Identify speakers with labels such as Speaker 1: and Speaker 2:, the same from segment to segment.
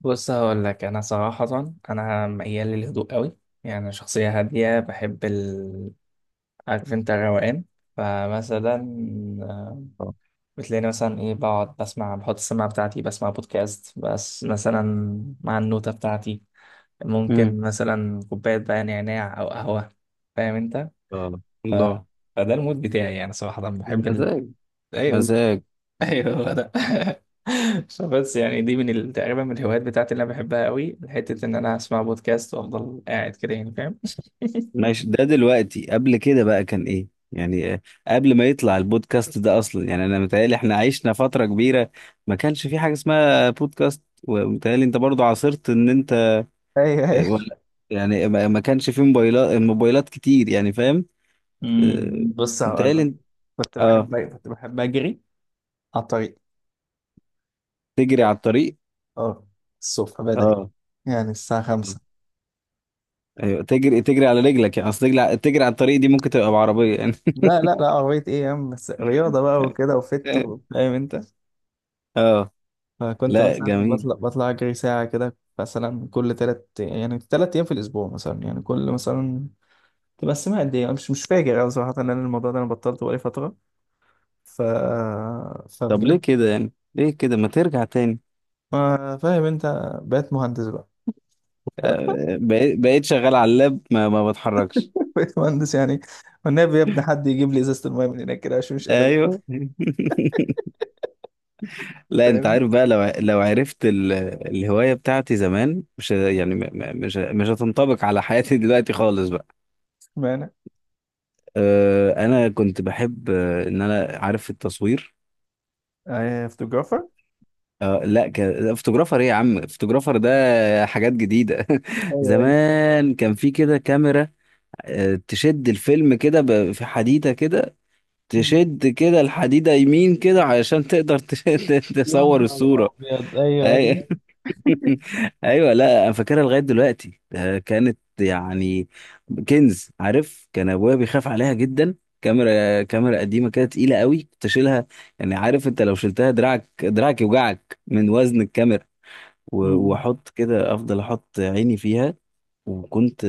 Speaker 1: بص هقول لك انا صراحه، انا ميال للهدوء قوي. يعني أنا شخصيه هاديه، بحب ال، عارف انت، الروقان. فمثلا آه،
Speaker 2: آه.
Speaker 1: بتلاقيني مثلا ايه، بقعد بسمع، بحط السماعه بتاعتي بسمع بودكاست، بس مثلا مع النوته بتاعتي
Speaker 2: امم
Speaker 1: ممكن مثلا كوبايه بقى نعناع او قهوه. فاهم انت.
Speaker 2: آه.
Speaker 1: ف...
Speaker 2: الله.
Speaker 1: فده المود بتاعي، يعني صراحه بحب ال...
Speaker 2: مزاج،
Speaker 1: ايوه،
Speaker 2: مزاج.
Speaker 1: ايوه هو ده. فبس يعني دي تقريبا من الهوايات بتاعتي اللي انا بحبها قوي، حته ان انا اسمع بودكاست وافضل قاعد كده يعني. فاهم؟
Speaker 2: ماشي، ده دلوقتي قبل كده بقى كان ايه يعني؟ قبل ما يطلع البودكاست ده اصلا، يعني انا متهيألي احنا عشنا فترة كبيرة ما كانش في حاجة اسمها بودكاست، ومتهيألي انت برضو عاصرت ان انت
Speaker 1: ايوه ايوه.
Speaker 2: ولا؟ يعني ما كانش في موبايلات كتير يعني، فاهم؟ آه،
Speaker 1: امم، بص هقول
Speaker 2: متهيألي
Speaker 1: لك،
Speaker 2: انت-
Speaker 1: كنت
Speaker 2: اه،
Speaker 1: بحب كنت بحب اجري على الطريق.
Speaker 2: تجري على الطريق.
Speaker 1: اه، الصبح بدري،
Speaker 2: اه،
Speaker 1: يعني الساعة 5.
Speaker 2: ايوه تجري، على رجلك يعني؟ اصل تجري على الطريق دي ممكن تبقى بعربية يعني.
Speaker 1: لا لا لا، عربية ايه يا عم، بس رياضة بقى وكده فاهم انت.
Speaker 2: اه،
Speaker 1: فكنت
Speaker 2: لا
Speaker 1: مثلا
Speaker 2: جميل.
Speaker 1: بطلع اجري ساعة كده مثلا، كل تلات يعني تلات ايام في الاسبوع مثلا، يعني كل مثلا تبقى السماء قد ايه، مش فاكر أوي صراحة. ان انا الموضوع ده انا بطلته بقالي فترة. ف
Speaker 2: طب ليه
Speaker 1: فبجد،
Speaker 2: كده يعني؟ ليه كده ما ترجع تاني؟
Speaker 1: ما فاهم انت، بقيت مهندس بقى.
Speaker 2: بقيت، شغال على اللاب، ما بتحركش.
Speaker 1: بقيت مهندس يعني. والنبي يا ابني حد يجيب لي ازازة المايه من هناك كده عشان مش قادر أجيبها.
Speaker 2: ايوه. لا انت
Speaker 1: فاهمني
Speaker 2: عارف بقى، لو لو عرفت الهوايه بتاعتي زمان، مش ه- يعني م- م- مش ه- مش هتنطبق على حياتي دلوقتي خالص بقى.
Speaker 1: معنى؟
Speaker 2: انا كنت بحب، ان انا عارف، التصوير.
Speaker 1: آه فوتوغرافر.
Speaker 2: آه لا ك... فوتوغرافر ايه يا عم؟ فوتوغرافر ده حاجات جديده.
Speaker 1: ايوه ايوه.
Speaker 2: زمان كان في كده كاميرا، تشد الفيلم كده في حديده كده،
Speaker 1: مم.
Speaker 2: تشد كده الحديدة يمين كده علشان تقدر تشد
Speaker 1: يا
Speaker 2: تصور
Speaker 1: نهار
Speaker 2: الصورة.
Speaker 1: ابيض، ايوه ايوه.
Speaker 2: أي... ايوه، لا انا فاكرها لغاية دلوقتي. ده كانت يعني كنز، عارف؟ كان ابويا بيخاف عليها جدا. كاميرا قديمة كده تقيلة قوي، كنت اشيلها يعني، عارف انت، لو شلتها دراعك، يوجعك من وزن الكاميرا. و-
Speaker 1: مم.
Speaker 2: واحط كده، افضل احط عيني فيها. وكنت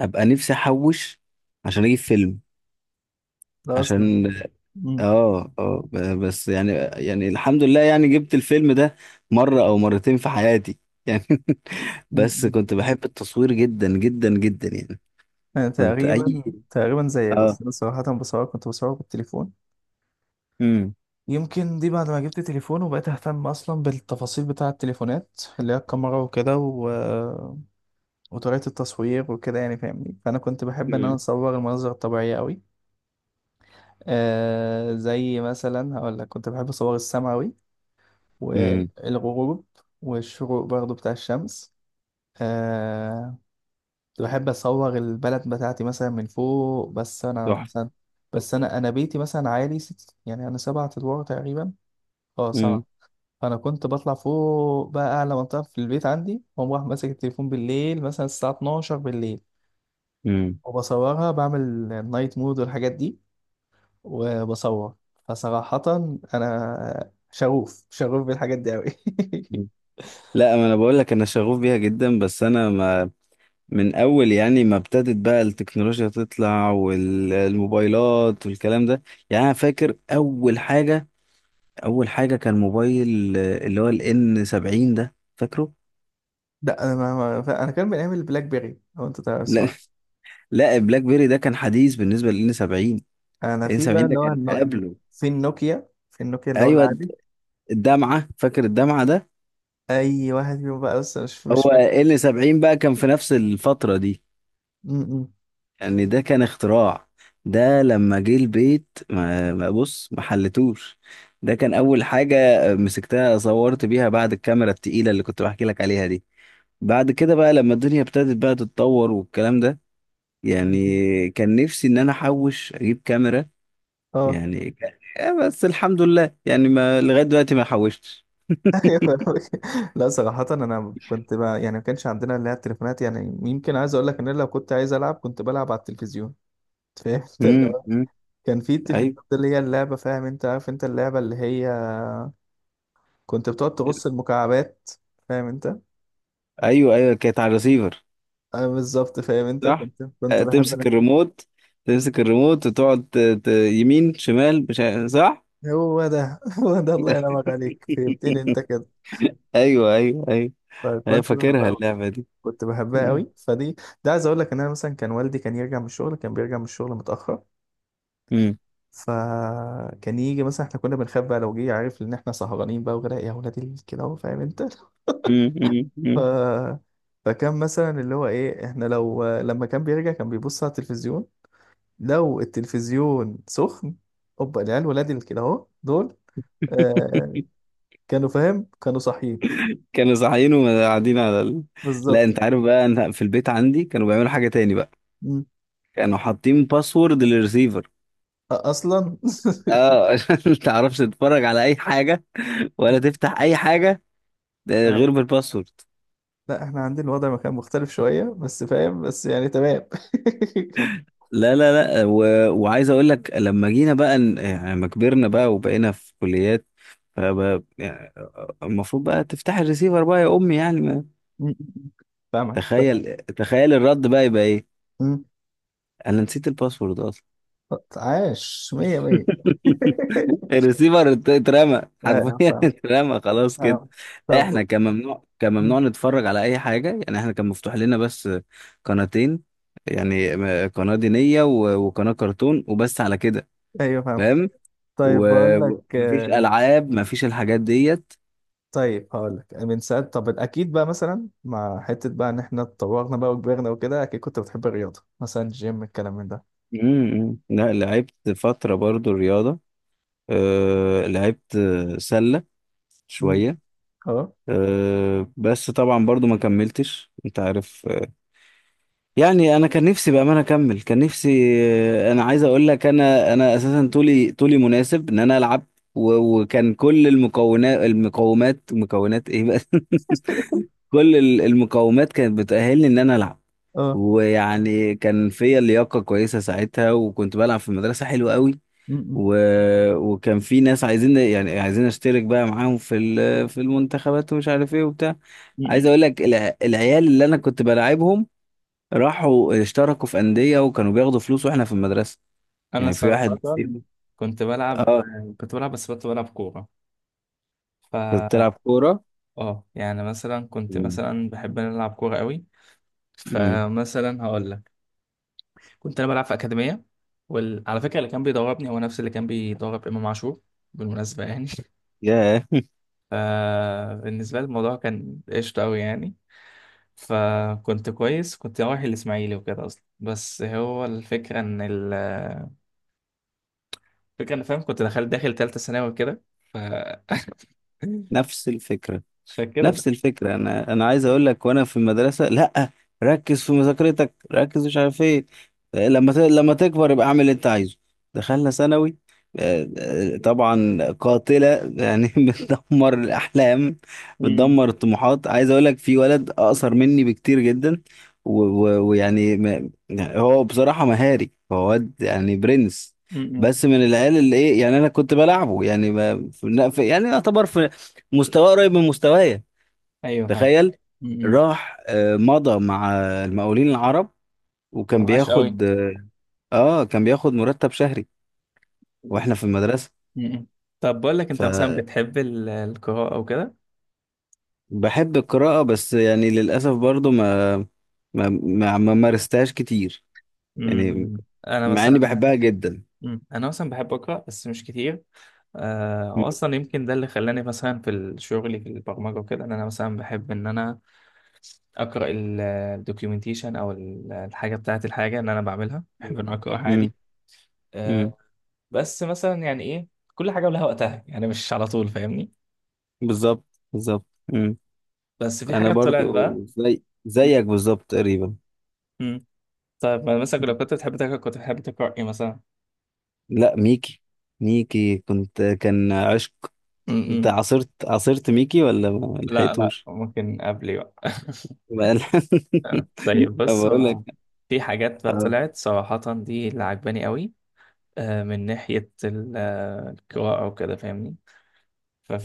Speaker 2: ابقى نفسي احوش عشان اجيب فيلم،
Speaker 1: ده اصلا.
Speaker 2: عشان
Speaker 1: مم.
Speaker 2: اه اه ب- بس يعني، يعني الحمد لله يعني، جبت الفيلم ده مرة او مرتين في حياتي يعني. بس
Speaker 1: مم.
Speaker 2: كنت بحب التصوير جدا جدا جدا يعني.
Speaker 1: انا
Speaker 2: كنت
Speaker 1: تقريبا،
Speaker 2: اي
Speaker 1: تقريبا زيك، بس
Speaker 2: اه.
Speaker 1: انا صراحة بصور، كنت بصور بالتليفون.
Speaker 2: امم،
Speaker 1: يمكن دي بعد ما جبت تليفون وبقيت اهتم اصلا بالتفاصيل بتاع التليفونات، اللي هي الكاميرا وكده و... وطريقة التصوير وكده، يعني فاهمني. فانا كنت بحب ان انا
Speaker 2: امم،
Speaker 1: اصور المناظر الطبيعية قوي. آه، زي مثلا هقول لك، كنت بحب اصور السما قوي،
Speaker 2: امم.
Speaker 1: والغروب، والشروق برضو بتاع الشمس. آه، كنت بحب اصور البلد بتاعتي مثلا من فوق. بس انا
Speaker 2: تحفة.
Speaker 1: مثلا، بس انا بيتي مثلا عالي ست، يعني انا 7 ادوار تقريبا. اه
Speaker 2: امم،
Speaker 1: 7. فانا كنت بطلع فوق بقى، اعلى منطقه في البيت عندي، واقوم رايح ماسك التليفون بالليل، مثلا الساعه 12 بالليل،
Speaker 2: امم.
Speaker 1: وبصورها، بعمل نايت مود والحاجات دي، وبصور. فصراحه انا شغوف بالحاجات دي قوي.
Speaker 2: لا ما انا بقول لك، انا شغوف بيها جدا، بس انا ما، من اول يعني ما ابتدت بقى التكنولوجيا تطلع والموبايلات والكلام ده. يعني انا فاكر اول حاجة، اول حاجه كان موبايل، اللي هو الان 70، ده فاكره.
Speaker 1: لا انا انا كان بنعمل بلاك بيري، لو انت تعرف
Speaker 2: لا.
Speaker 1: اسمها.
Speaker 2: لا بلاك بيري ده كان حديث بالنسبه للان 70.
Speaker 1: انا
Speaker 2: الان
Speaker 1: في بقى
Speaker 2: 70 ده
Speaker 1: اللي هو
Speaker 2: كان
Speaker 1: النو...
Speaker 2: قبله.
Speaker 1: في النوكيا، في النوكيا اللي هو
Speaker 2: ايوه،
Speaker 1: العادي.
Speaker 2: الدمعه، فاكر الدمعه ده؟
Speaker 1: اي واحد فيهم بقى، بس مش
Speaker 2: هو
Speaker 1: مش فاكر.
Speaker 2: ان 70 بقى كان في نفس الفتره دي.
Speaker 1: م-
Speaker 2: يعني ده كان اختراع. ده لما جه البيت، بص، ما حلتوش. ده كان اول حاجه مسكتها صورت بيها بعد الكاميرا التقيله اللي كنت بحكي لك عليها دي. بعد كده بقى لما الدنيا ابتدت بقى تتطور والكلام ده،
Speaker 1: م.
Speaker 2: يعني كان نفسي ان انا احوش اجيب كاميرا.
Speaker 1: اه.
Speaker 2: يعني كان... بس الحمد لله، يعني ما لغايه دلوقتي ما حوشتش.
Speaker 1: أيوة، فاهمك. لا صراحة أنا كنت بقى، يعني ما كانش عندنا اللي هي التليفونات، يعني يمكن عايز أقول لك إن أنا لو كنت عايز ألعب كنت بلعب على التلفزيون. فاهم أنت؟ اللي
Speaker 2: امم،
Speaker 1: هو
Speaker 2: أمم.
Speaker 1: كان في التلفزيون
Speaker 2: ايوه،
Speaker 1: ده، اللي هي اللعبة، فاهم أنت، عارف أنت اللعبة اللي هي كنت بتقعد تغص المكعبات، فاهم أنت؟
Speaker 2: ايوه، ايوه كانت على الريسيفر.
Speaker 1: أه بالظبط، فاهم أنت.
Speaker 2: صح،
Speaker 1: كنت بحب أنا.
Speaker 2: تمسك الريموت، وتقعد يمين شمال مش عارف- صح.
Speaker 1: هو ده. هو ده، الله ينعمك عليك، فهمتني أنت كده.
Speaker 2: ايوه، ايوه، ايوه. ايوه
Speaker 1: فكنت بحبها
Speaker 2: فاكرها
Speaker 1: أوي.
Speaker 2: اللعبه دي.
Speaker 1: كنت بحبها
Speaker 2: أمم.
Speaker 1: أوي فدي. ده عايز أقول لك إن أنا مثلا كان والدي كان يرجع من الشغل، كان بيرجع من الشغل متأخر.
Speaker 2: أمم.
Speaker 1: فكان يجي مثلا، احنا كنا بنخاف بقى لو جه، عارف ان احنا سهرانين بقى وكده، يا ولاد ال- كده اهو، فاهم انت.
Speaker 2: أمم. أمم. أمم.
Speaker 1: ف... فكان مثلا اللي هو ايه، احنا لو لما كان بيرجع كان بيبص على التلفزيون، لو التلفزيون سخن، اوبا العيال ولاد ال- كده اهو دول. آه، كانوا فاهم، كانوا صاحيين.
Speaker 2: كانوا صاحيين وقاعدين على لا
Speaker 1: بالظبط.
Speaker 2: انت عارف بقى، انا في البيت عندي كانوا بيعملوا حاجه تاني بقى.
Speaker 1: مم.
Speaker 2: كانوا حاطين باسورد للريسيفر.
Speaker 1: أ- اصلا.
Speaker 2: اه عشان ما تعرفش تتفرج على اي حاجه، ولا تفتح اي حاجه، ده غير
Speaker 1: فاهمك.
Speaker 2: بالباسورد.
Speaker 1: لا احنا عندنا الوضع ما كان مختلف شوية، بس فاهم، بس يعني تمام.
Speaker 2: لا لا لا، وعايز اقول لك، لما جينا بقى يعني لما كبرنا بقى وبقينا في كليات، فبقى يعني المفروض بقى تفتح الريسيفر بقى يا امي، يعني ما...
Speaker 1: مم. فاهمك.
Speaker 2: تخيل، الرد بقى يبقى ايه؟ انا نسيت الباسورد اصلا.
Speaker 1: عاش، مية مية.
Speaker 2: الريسيفر اترمى
Speaker 1: ايوه
Speaker 2: حرفيا،
Speaker 1: فاهم.
Speaker 2: اترمى خلاص كده.
Speaker 1: آه. طب.
Speaker 2: احنا كان ممنوع، نتفرج على اي حاجه. يعني احنا كان مفتوح لنا بس قناتين، يعني قناه دينيه، وقناه كرتون، وبس على كده.
Speaker 1: ايوه فاهم.
Speaker 2: فاهم؟
Speaker 1: طيب بقول لك،
Speaker 2: ومفيش العاب، مفيش الحاجات ديت.
Speaker 1: طيب هقول لك من ساعات، طب اكيد بقى مثلا مع حته بقى ان احنا اتطورنا بقى وكبرنا وكده، اكيد كنت بتحب الرياضه مثلا، جيم، الكلام من ده.
Speaker 2: امم. لا لعبت فتره برضو رياضه، أه لعبت سله
Speaker 1: مم.
Speaker 2: شويه.
Speaker 1: اه.
Speaker 2: أه بس طبعا برضو ما كملتش، انت عارف يعني. انا كان نفسي بامانه اكمل، كان نفسي. انا عايز اقول لك، انا اساسا طولي، مناسب ان انا العب. وكان كل المكونات، المقومات، مكونات ايه بقى؟ كل المقومات كانت بتأهلني ان انا العب.
Speaker 1: اه.
Speaker 2: ويعني كان فيا لياقه كويسه ساعتها، وكنت بلعب في المدرسه حلو قوي.
Speaker 1: مم.
Speaker 2: و... وكان في ناس عايزين، يعني عايزين اشترك بقى معاهم في في المنتخبات ومش عارف ايه وبتاع. عايز
Speaker 1: م-م.
Speaker 2: اقول لك العيال اللي انا كنت بلاعبهم، راحوا اشتركوا في أندية وكانوا بياخدوا فلوس، واحنا في المدرسة.
Speaker 1: انا
Speaker 2: يعني في واحد
Speaker 1: صراحة
Speaker 2: فيهم-
Speaker 1: كنت بلعب،
Speaker 2: اه
Speaker 1: كنت بلعب، بس كنت بلعب كورة.
Speaker 2: كنت بتلعب
Speaker 1: ف
Speaker 2: كورة.
Speaker 1: اه يعني مثلا كنت
Speaker 2: مم.
Speaker 1: مثلا بحب أن أنا العب كورة قوي.
Speaker 2: مم.
Speaker 1: فمثلا هقول لك، كنت انا بلعب في اكاديميه، وعلى فكره اللي كان بيدربني هو نفس اللي كان بيدرب امام عاشور، بالمناسبه يعني.
Speaker 2: ياه.
Speaker 1: فبالنسبه لي الموضوع كان قشطه قوي يعني. فكنت كويس، كنت رايح الاسماعيلي وكده اصلا. بس هو الفكره ان ال، الفكره ان، فاهم، كنت دخلت داخل ثالثه ثانوي وكده. ف
Speaker 2: نفس الفكرة،
Speaker 1: فكده
Speaker 2: نفس
Speaker 1: بقى.
Speaker 2: الفكرة. أنا، عايز أقول لك، وأنا في المدرسة، لأ، ركز في مذاكرتك، مش عارف إيه، لما تكبر يبقى اعمل اللي أنت عايزه. دخلنا ثانوي، طبعا قاتلة يعني. بتدمر الأحلام،
Speaker 1: م-
Speaker 2: بتدمر الطموحات. عايز أقول لك في ولد أقصر مني بكتير جدا، و- و- ويعني ما... يعني هو بصراحة مهاري، هو واد يعني برنس،
Speaker 1: م- م.
Speaker 2: بس من العيال اللي إيه، يعني أنا كنت بلعبه يعني، ما... في... يعني يعتبر في مستواه قريب من مستوايا.
Speaker 1: ايوه فاهم.
Speaker 2: تخيل،
Speaker 1: م- م.
Speaker 2: راح مضى مع المقاولين العرب،
Speaker 1: ما
Speaker 2: وكان
Speaker 1: معاش قوي.
Speaker 2: بياخد اه كان بياخد مرتب شهري،
Speaker 1: م-
Speaker 2: واحنا في المدرسة.
Speaker 1: م. طب بقول لك انت مثلا بتحب القراءه وكده؟
Speaker 2: فبحب القراءة، بس يعني للأسف برضو ما مارستهاش كتير،
Speaker 1: م-
Speaker 2: يعني،
Speaker 1: م. انا
Speaker 2: مع اني
Speaker 1: مثلا.
Speaker 2: بحبها جدا.
Speaker 1: مم. انا مثلا بحب اقرا بس مش كتير. آه،
Speaker 2: م-
Speaker 1: واصلا يمكن ده اللي خلاني مثلا في الشغل في البرمجه وكده، ان انا مثلا بحب ان انا اقرا الدوكيومنتيشن، او الحاجه بتاعه، الحاجه اللي انا بعملها بحب
Speaker 2: م-
Speaker 1: ان أنا اقراها
Speaker 2: م-
Speaker 1: عادي.
Speaker 2: م.
Speaker 1: آه، بس مثلا يعني ايه، كل حاجه ولها وقتها يعني، مش على طول، فاهمني.
Speaker 2: بالظبط، بالظبط. م.
Speaker 1: بس في
Speaker 2: انا
Speaker 1: حاجه طلعت بقى.
Speaker 2: برضو زي
Speaker 1: مم.
Speaker 2: زيك بالظبط تقريبا.
Speaker 1: مم. طيب ما مثلا، لو كنت بتحب تقرا، كنت بتحب تقرا ايه مثلا؟
Speaker 2: لا ميكي، ميكي كنت كان عشق.
Speaker 1: مم.
Speaker 2: انت
Speaker 1: مم.
Speaker 2: عاصرت، ميكي ولا ما
Speaker 1: لا لا،
Speaker 2: لحقتوش؟
Speaker 1: ممكن قبلي بقى.
Speaker 2: بقى لا.
Speaker 1: طيب
Speaker 2: طب
Speaker 1: بص،
Speaker 2: اقول لك.
Speaker 1: هو في حاجات بقى
Speaker 2: اه.
Speaker 1: طلعت صراحة دي اللي عجباني قوي، من ناحية القراءة وكده، فاهمني.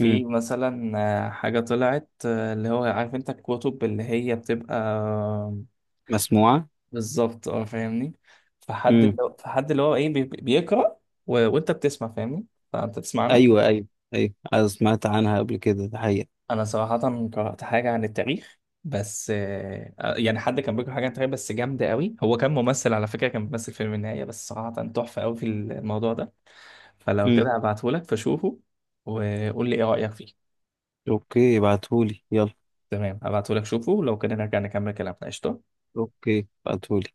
Speaker 2: مم.
Speaker 1: مثلا حاجة طلعت، اللي هو عارف انت الكتب اللي هي بتبقى،
Speaker 2: مسموعة.
Speaker 1: بالظبط، اه فاهمني. فحد
Speaker 2: امم.
Speaker 1: اللي هو فحد اللي هو ايه، بيقرأ، و... وانت بتسمع، فاهمني. فانت تسمعنا.
Speaker 2: ايوه، ايوه، ايوه أنا سمعت عنها قبل كده، ده حقيقة.
Speaker 1: انا صراحه قرات حاجه عن التاريخ، بس يعني حد كان بيقرا حاجه عن التاريخ بس جامده قوي، هو كان ممثل على فكره، كان بيمثل فيلم النهايه، بس صراحه تحفه قوي في الموضوع ده. فلو
Speaker 2: امم.
Speaker 1: كده هبعتهولك فشوفه وقول لي ايه رايك فيه.
Speaker 2: اوكي ابعتهولي يلا،
Speaker 1: تمام هبعتهولك، شوفه لو كده نرجع نكمل كلامنا، قشطه.
Speaker 2: اوكي ابعتهولي.